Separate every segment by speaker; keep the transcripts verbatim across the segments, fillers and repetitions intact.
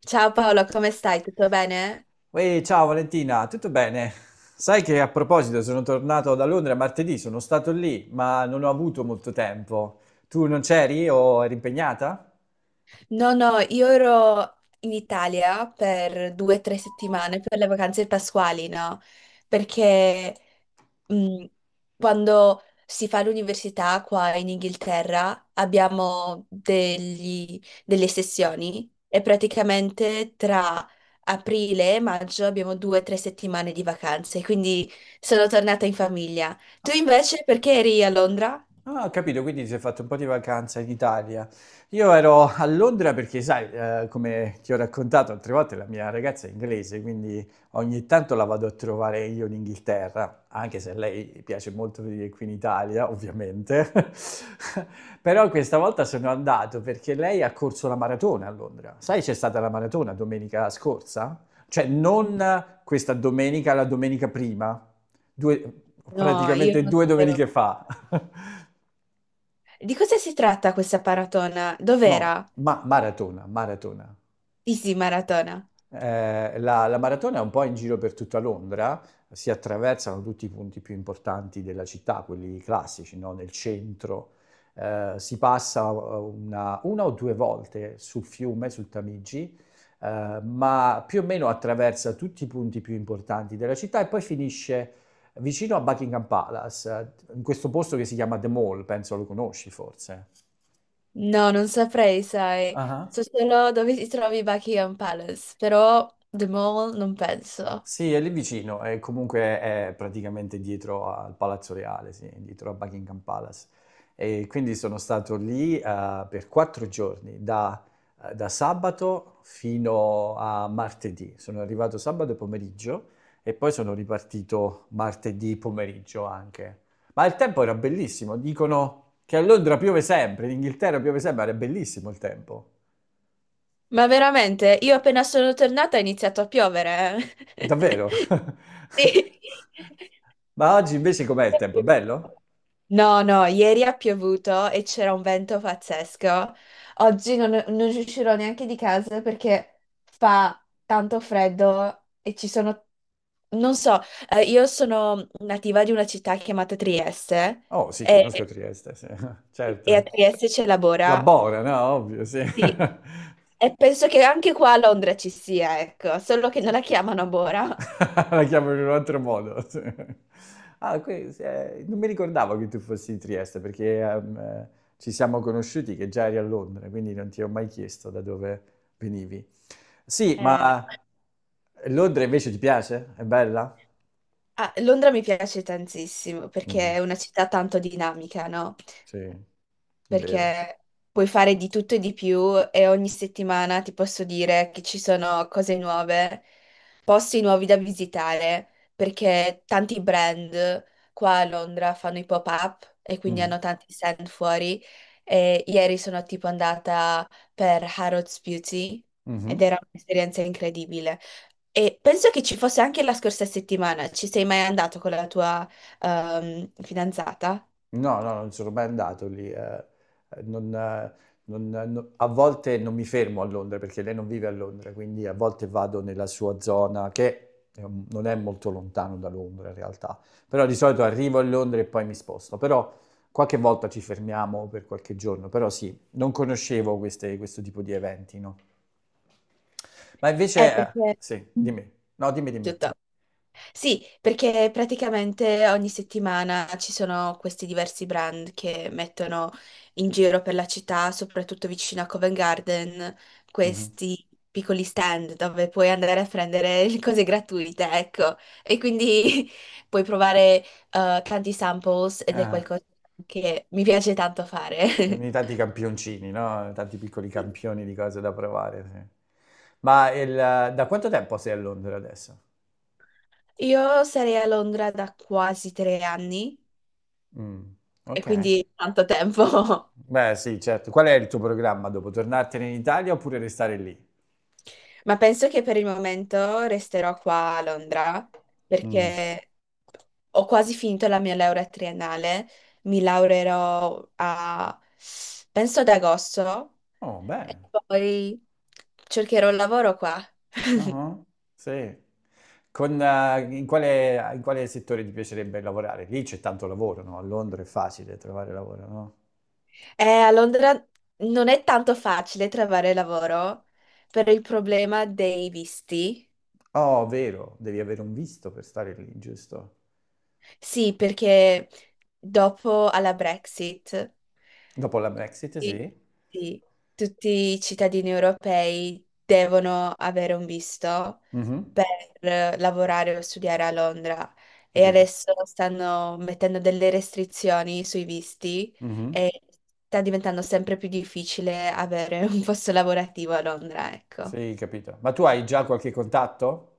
Speaker 1: Ciao Paolo, come stai? Tutto bene?
Speaker 2: Ehi, ciao Valentina, tutto bene? Sai che a proposito sono tornato da Londra martedì, sono stato lì, ma non ho avuto molto tempo. Tu non c'eri o eri impegnata?
Speaker 1: No, no, io ero in Italia per due o tre settimane per le vacanze pasquali, no? Perché mh, quando si fa l'università qua in Inghilterra abbiamo degli- delle sessioni e praticamente tra aprile e maggio abbiamo due o tre settimane di vacanze, quindi sono tornata in famiglia. Tu invece perché eri a Londra?
Speaker 2: Ah, ho capito, quindi ti sei fatto un po' di vacanza in Italia. Io ero a Londra perché, sai, eh, come ti ho raccontato altre volte, la mia ragazza è inglese, quindi ogni tanto la vado a trovare io in Inghilterra, anche se a lei piace molto venire qui in Italia, ovviamente. Però questa volta sono andato perché lei ha corso la maratona a Londra. Sai, c'è stata la maratona domenica scorsa? Cioè, non questa domenica, la domenica prima, Due-
Speaker 1: No, io
Speaker 2: praticamente
Speaker 1: non
Speaker 2: due
Speaker 1: sapevo.
Speaker 2: domeniche fa.
Speaker 1: Di cosa si tratta questa maratona?
Speaker 2: No,
Speaker 1: Dov'era?
Speaker 2: ma maratona, maratona.
Speaker 1: Easy Maratona.
Speaker 2: Eh, la, la maratona è un po' in giro per tutta Londra, si attraversano tutti i punti più importanti della città, quelli classici, no? Nel centro. Eh, si passa eh, una, una o due volte sul fiume, sul Tamigi, eh, ma più o meno attraversa tutti i punti più importanti della città e poi finisce vicino a Buckingham Palace, eh, in questo posto che si chiama The Mall, penso lo conosci forse.
Speaker 1: No, non saprei, sai.
Speaker 2: Ah.
Speaker 1: So solo dove si trovi Buckingham Palace, però The Mall non penso.
Speaker 2: Sì, è lì vicino, e comunque è praticamente dietro al Palazzo Reale, sì, dietro a Buckingham Palace. E quindi sono stato lì eh, per quattro giorni, da, eh, da sabato fino a martedì. Sono arrivato sabato pomeriggio e poi sono ripartito martedì pomeriggio anche. Ma il tempo era bellissimo, dicono che a Londra piove sempre, in Inghilterra piove sempre, era bellissimo il tempo.
Speaker 1: Ma veramente, io appena sono tornata ha iniziato a piovere. eh.
Speaker 2: Davvero?
Speaker 1: Sì.
Speaker 2: Ma oggi invece com'è il tempo? È bello?
Speaker 1: No, no, ieri ha piovuto e c'era un vento pazzesco. Oggi non, non uscirò neanche di casa perché fa tanto freddo e ci sono... Non so, eh, io sono nativa di una città chiamata Trieste
Speaker 2: Oh, sì, conosco
Speaker 1: e,
Speaker 2: Trieste, sì.
Speaker 1: e a
Speaker 2: Certo.
Speaker 1: Trieste c'è la
Speaker 2: La
Speaker 1: Bora.
Speaker 2: Bora, no? Ovvio, sì.
Speaker 1: Sì. E penso che anche qua a Londra ci sia, ecco, solo che non la chiamano Bora.
Speaker 2: La chiamano in un altro modo. Sì. Ah, que- eh, non mi ricordavo che tu fossi di Trieste perché ehm, eh, ci siamo conosciuti che già eri a Londra, quindi non ti ho mai chiesto da dove venivi. Sì,
Speaker 1: Eh, no.
Speaker 2: ma Londra invece ti piace? È bella?
Speaker 1: Ah, Londra mi piace tantissimo perché
Speaker 2: Mhm,
Speaker 1: è una città tanto dinamica, no?
Speaker 2: sì, è vero.
Speaker 1: Perché puoi fare di tutto e di più e ogni settimana ti posso dire che ci sono cose nuove, posti nuovi da visitare, perché tanti brand qua a Londra fanno i pop-up e quindi
Speaker 2: Mhm,
Speaker 1: hanno tanti stand fuori e ieri sono tipo andata per Harrods Beauty ed
Speaker 2: mhm.
Speaker 1: era un'esperienza incredibile. E penso che ci fosse anche la scorsa settimana. Ci sei mai andato con la tua ehm, fidanzata?
Speaker 2: No, no, non sono mai andato lì. eh, eh, non, eh, non- eh, no- A volte non mi fermo a Londra perché lei non vive a Londra, quindi a volte vado nella sua zona che è un- non è molto lontano da Londra in realtà. Però di solito arrivo a Londra e poi mi sposto. Però qualche volta ci fermiamo per qualche giorno. Però sì, non conoscevo queste- questo tipo di eventi, no? Ma
Speaker 1: Eh,
Speaker 2: invece, eh,
Speaker 1: perché
Speaker 2: sì, dimmi. No, dimmi, dimmi.
Speaker 1: tutto. Sì, perché praticamente ogni settimana ci sono questi diversi brand che mettono in giro per la città, soprattutto vicino a Covent Garden,
Speaker 2: Mhm.
Speaker 1: questi piccoli stand dove puoi andare a prendere le cose gratuite, ecco. E quindi puoi provare eh, tanti samples ed è
Speaker 2: Ah.
Speaker 1: qualcosa che mi piace tanto fare.
Speaker 2: Quindi tanti campioncini, no? Tanti piccoli campioni di cose da provare, sì. Ma il- da quanto tempo sei a Londra adesso?
Speaker 1: Io sarei a Londra da quasi tre anni
Speaker 2: Mm,
Speaker 1: e
Speaker 2: ok.
Speaker 1: quindi tanto tempo.
Speaker 2: Beh, sì, certo. Qual è il tuo programma dopo? Tornartene in Italia oppure restare lì?
Speaker 1: Ma penso che per il momento resterò qua a Londra
Speaker 2: Mm.
Speaker 1: perché ho quasi finito la mia laurea triennale, mi laureerò a, penso ad agosto,
Speaker 2: Oh,
Speaker 1: e
Speaker 2: bene.
Speaker 1: poi cercherò un lavoro qua.
Speaker 2: Ah, sì. Con, eh, in quale, in quale settore ti piacerebbe lavorare? Lì c'è tanto lavoro, no? A Londra è facile trovare lavoro, no?
Speaker 1: Eh, a Londra non è tanto facile trovare lavoro per il problema dei visti.
Speaker 2: Oh, vero, devi avere un visto per stare lì, giusto?
Speaker 1: Sì, perché dopo alla Brexit.
Speaker 2: Dopo la Brexit,
Speaker 1: Sì,
Speaker 2: sì.
Speaker 1: sì. Tutti i cittadini europei devono avere un visto
Speaker 2: Mhm,
Speaker 1: per eh, lavorare o studiare a Londra e
Speaker 2: capito?
Speaker 1: adesso stanno mettendo delle restrizioni sui visti
Speaker 2: Mhm.
Speaker 1: e sta diventando sempre più difficile avere un posto lavorativo a Londra, ecco.
Speaker 2: Sì, capito. Ma tu hai già qualche contatto?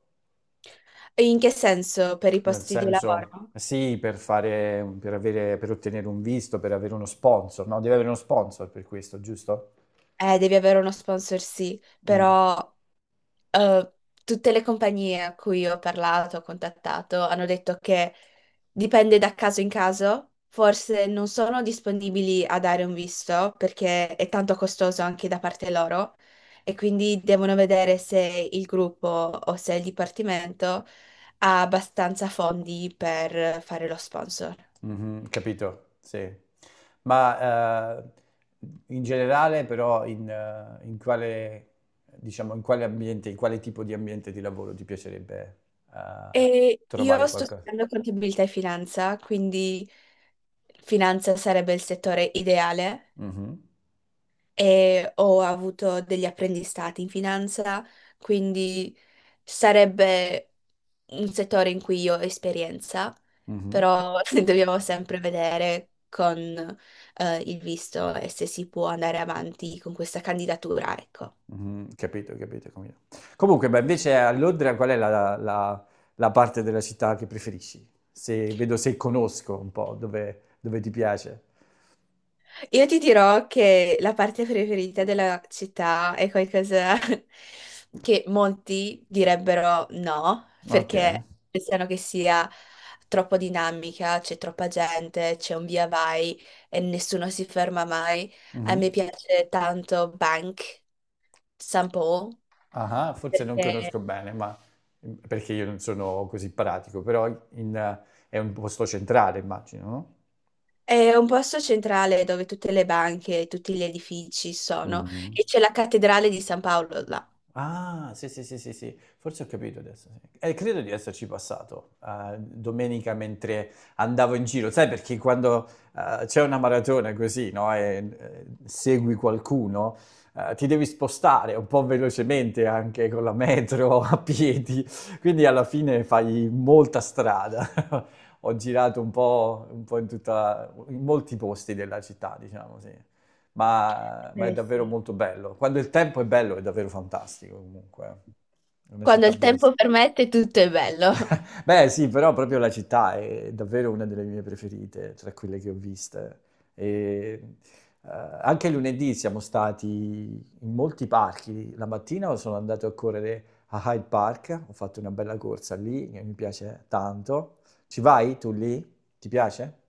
Speaker 1: E in che senso per i
Speaker 2: Nel
Speaker 1: posti di
Speaker 2: senso,
Speaker 1: lavoro?
Speaker 2: sì, per fare, per avere, per ottenere un visto, per avere uno sponsor, no? Devi avere uno sponsor per questo, giusto?
Speaker 1: Eh, devi avere uno sponsor, sì,
Speaker 2: Mm.
Speaker 1: però eh, tutte le compagnie a cui ho parlato, ho contattato, hanno detto che dipende da caso in caso, forse non sono disponibili a dare un visto perché è tanto costoso anche da parte loro e quindi devono vedere se il gruppo o se il dipartimento ha abbastanza fondi per fare lo sponsor.
Speaker 2: Mhm, capito, sì. Ma eh, in generale, però, in, eh, in quale, diciamo, in quale ambiente, in quale tipo di ambiente di lavoro ti piacerebbe eh,
Speaker 1: E io
Speaker 2: trovare
Speaker 1: sto
Speaker 2: qualcosa?
Speaker 1: studiando contabilità e finanza, quindi finanza sarebbe il settore ideale
Speaker 2: Mhm,
Speaker 1: e ho avuto degli apprendistati in finanza, quindi sarebbe un settore in cui io ho esperienza,
Speaker 2: mhm.
Speaker 1: però dobbiamo sempre vedere con eh, il visto e se si può andare avanti con questa candidatura, ecco.
Speaker 2: Mhm, capito, capito, capito. Comunque, beh, invece a Londra qual è la, la- la parte della città che preferisci? Se, vedo se conosco un po' dove, dove, ti piace.
Speaker 1: Io ti dirò che la parte preferita della città è qualcosa che molti direbbero no,
Speaker 2: Ok.
Speaker 1: perché pensano che sia troppo dinamica, c'è troppa gente, c'è un via vai e nessuno si ferma mai. A
Speaker 2: Mhm.
Speaker 1: me piace tanto Bank, San Paul,
Speaker 2: Ah, forse non conosco
Speaker 1: perché
Speaker 2: bene, ma perché io non sono così pratico, però in- è un posto centrale, immagino, no?
Speaker 1: è un posto centrale dove tutte le banche, tutti gli edifici sono
Speaker 2: Mhm.
Speaker 1: e c'è la cattedrale di San Paolo là.
Speaker 2: Ah, sì, sì, sì, sì, sì, forse ho capito adesso. Sì. Eh, credo di esserci passato eh, domenica mentre andavo in giro, sai, perché quando eh, c'è una maratona così, no, e eh, segui qualcuno, eh, ti devi spostare un po' velocemente anche con la metro, a piedi, quindi alla fine fai molta strada. Ho girato un po', un po' in tutta, in molti posti della città, diciamo, sì ma, ma è
Speaker 1: Eh
Speaker 2: davvero
Speaker 1: sì.
Speaker 2: molto bello. Quando il tempo è bello è davvero fantastico comunque. È una
Speaker 1: Quando
Speaker 2: città
Speaker 1: il tempo
Speaker 2: bellissima.
Speaker 1: permette, tutto è bello.
Speaker 2: Beh, sì, però proprio la città è davvero una delle mie preferite tra quelle che ho viste. E, eh, anche lunedì siamo stati in molti parchi. La mattina sono andato a correre a Hyde Park, ho fatto una bella corsa lì che mi piace tanto. Ci vai tu lì? Ti piace?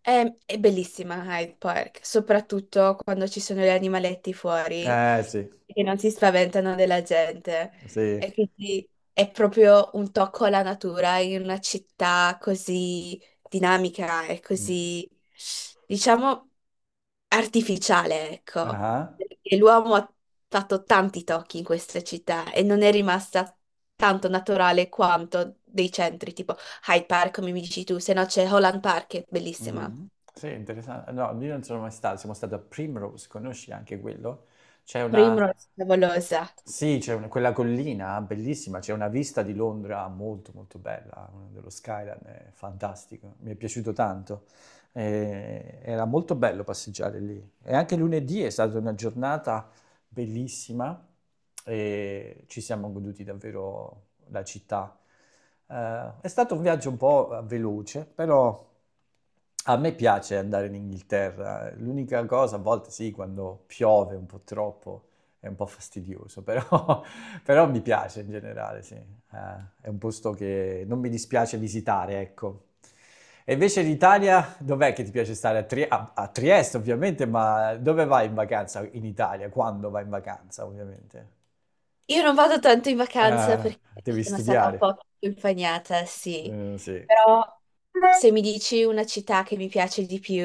Speaker 1: È, è bellissima Hyde Park, soprattutto quando ci sono gli animaletti fuori
Speaker 2: Eh sì,
Speaker 1: che non si spaventano della gente.
Speaker 2: sì.
Speaker 1: E quindi è proprio un tocco alla natura in una città così dinamica e
Speaker 2: Mm.
Speaker 1: così, diciamo, artificiale, ecco,
Speaker 2: Ah.
Speaker 1: perché l'uomo ha fatto tanti tocchi in queste città e non è rimasta tanto naturale quanto dei centri, tipo Hyde Park, come mi dici tu, se no c'è Holland Park, che è bellissima.
Speaker 2: Mm. Sì, interessante. No, io non sono mai stato, siamo stati a Primrose, conosci anche quello? C'è una,
Speaker 1: Primrose, favolosa.
Speaker 2: sì, c'è una- quella collina bellissima, c'è una vista di Londra molto molto bella, eh, dello skyline, è fantastico, mi è piaciuto tanto. Eh, era molto bello passeggiare lì. E anche lunedì è stata una giornata bellissima e ci siamo goduti davvero la città. Eh, è stato un viaggio un po' eh, veloce, però a me piace andare in Inghilterra. L'unica cosa, a volte sì, quando piove un po' troppo è un po' fastidioso, però, però mi piace in generale, sì. Eh, è un posto che non mi dispiace visitare, ecco. E invece l'Italia, dov'è che ti piace stare? A, Tri- a- a Trieste, ovviamente, ma dove vai in vacanza in Italia? Quando vai in vacanza, ovviamente?
Speaker 1: Io non vado tanto in vacanza
Speaker 2: Eh,
Speaker 1: perché
Speaker 2: devi
Speaker 1: sono stata un po'
Speaker 2: studiare.
Speaker 1: più impagnata, sì,
Speaker 2: Eh, sì.
Speaker 1: però se mi dici una città che mi piace di più,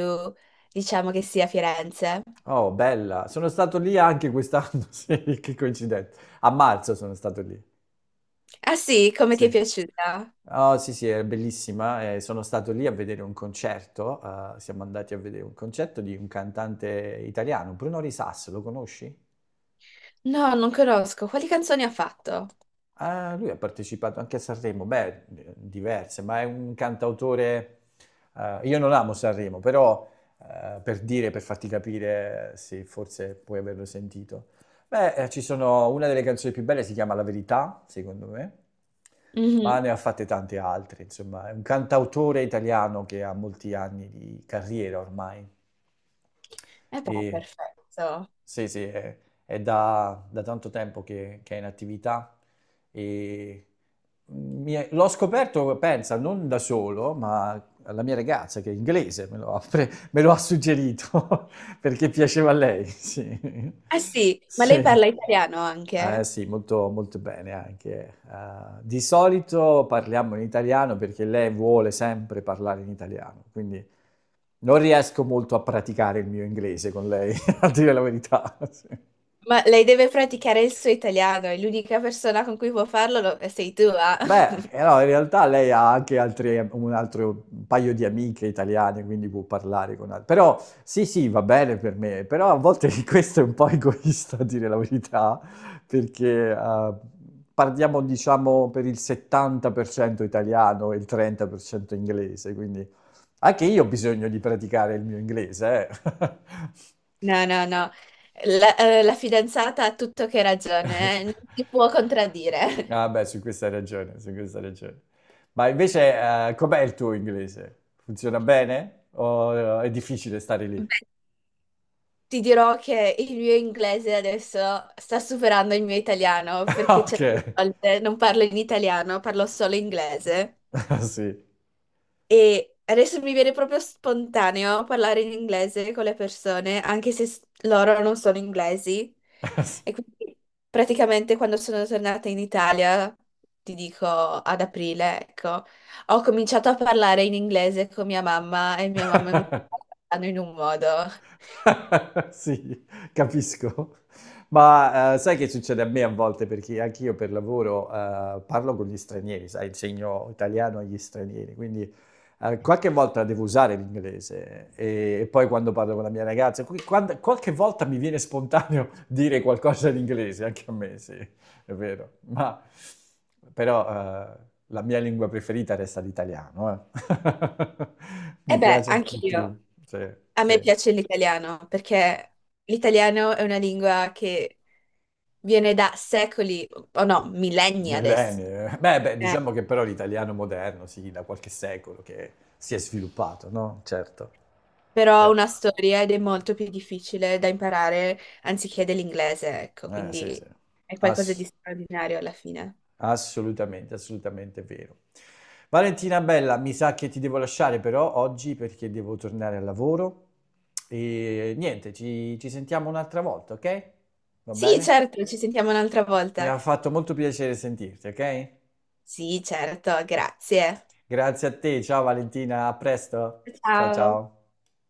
Speaker 1: diciamo che sia Firenze.
Speaker 2: Oh, bella. Sono stato lì anche quest'anno, sì, che coincidenza. A marzo sono stato lì.
Speaker 1: Ah sì, come ti è
Speaker 2: Sì.
Speaker 1: piaciuta?
Speaker 2: Oh, sì, sì, è bellissima. Eh, sono stato lì a vedere un concerto. Eh, siamo andati a vedere un concerto di un cantante italiano, Bruno Risas, lo conosci?
Speaker 1: No, non conosco. Quali canzoni ha fatto?
Speaker 2: Ah, lui ha partecipato anche a Sanremo, beh, diverse, ma è un cantautore. Eh, io non amo Sanremo, però eh, per dire, per farti capire, eh, se forse puoi averlo sentito. Beh, eh, ci sono una delle canzoni più belle, si chiama La Verità, secondo me, ma
Speaker 1: Mhm.
Speaker 2: ne ha fatte tante altre, insomma, è un cantautore italiano che ha molti anni di carriera ormai.
Speaker 1: Eh beh,
Speaker 2: E
Speaker 1: perfetto.
Speaker 2: sì, sì, è, è da, da tanto tempo che, che è in attività e mi è- l'ho scoperto, pensa, non da solo, ma la mia ragazza che è inglese me lo ha, pre- me lo ha suggerito perché piaceva a lei, sì.
Speaker 1: Ah sì, ma lei
Speaker 2: Sì.
Speaker 1: parla italiano
Speaker 2: Eh
Speaker 1: anche?
Speaker 2: sì, molto, molto bene anche. Eh, di solito parliamo in italiano perché lei vuole sempre parlare in italiano, quindi non riesco molto a praticare il mio inglese con lei, a dire la verità. Sì.
Speaker 1: Ma lei deve praticare il suo italiano e l'unica persona con cui può farlo lo- eh, sei tu, ah.
Speaker 2: Beh, eh no, in realtà lei ha anche altri- un altro un paio di amiche italiane, quindi può parlare con altre. Però sì, sì, va bene per me, però a volte questo è un po' egoista, a dire la verità, perché eh, parliamo, diciamo, per il settanta per cento italiano e il trenta per cento inglese, quindi anche io ho bisogno di praticare il mio inglese, eh.
Speaker 1: No, no, no. La, eh, la fidanzata ha tutto che ragione, eh, Non ti può contraddire.
Speaker 2: Ah beh, su questa hai ragione, su questa hai ragione. Ma invece, eh, com'è il tuo inglese? Funziona bene? O eh, è difficile stare lì?
Speaker 1: Beh, ti dirò che il mio inglese adesso sta superando il mio italiano
Speaker 2: Ah,
Speaker 1: perché
Speaker 2: ok.
Speaker 1: certe volte non parlo in italiano, parlo solo inglese.
Speaker 2: Sì.
Speaker 1: E adesso mi viene proprio spontaneo parlare in inglese con le persone, anche se s- loro non sono inglesi.
Speaker 2: Sì.
Speaker 1: E quindi praticamente quando sono tornata in Italia, ti dico ad aprile, ecco, ho cominciato a parlare in inglese con mia mamma e mia mamma mi sta parlando in un modo.
Speaker 2: Sì, capisco. Ma, ehm, sai che succede a me a volte, perché anch'io per lavoro, ehm, parlo con gli stranieri, sai, insegno italiano agli stranieri, quindi, ehm, qualche volta devo usare l'inglese e e poi quando parlo con la mia ragazza, qui quando qualche volta mi viene spontaneo dire qualcosa in inglese, anche a me, sì, è vero. Ma però, ehm, la mia lingua preferita resta l'italiano, eh.
Speaker 1: E
Speaker 2: Mi
Speaker 1: beh,
Speaker 2: piace di
Speaker 1: anch'io.
Speaker 2: più, sì,
Speaker 1: A me
Speaker 2: sì.
Speaker 1: piace l'italiano perché l'italiano è una lingua che viene da secoli, o no, millenni adesso.
Speaker 2: Millenni. Eh. Beh, beh,
Speaker 1: Eh,
Speaker 2: diciamo che però l'italiano moderno, sì, da qualche secolo che si è sviluppato, no? Certo.
Speaker 1: Però
Speaker 2: Sì.
Speaker 1: una storia ed è molto più difficile da imparare anziché dell'inglese, ecco,
Speaker 2: Eh, sì, sì.
Speaker 1: quindi è qualcosa di
Speaker 2: Ass-
Speaker 1: straordinario alla fine.
Speaker 2: Assolutamente, assolutamente vero. Valentina Bella, mi sa che ti devo lasciare però oggi perché devo tornare al lavoro e niente, ci, ci sentiamo un'altra volta, ok? Va
Speaker 1: Sì,
Speaker 2: bene?
Speaker 1: certo, ci sentiamo un'altra
Speaker 2: Mi
Speaker 1: volta.
Speaker 2: ha fatto molto piacere sentirti, ok?
Speaker 1: Sì, certo, grazie.
Speaker 2: Grazie a te, ciao Valentina, a presto. Ciao
Speaker 1: Ciao.
Speaker 2: ciao.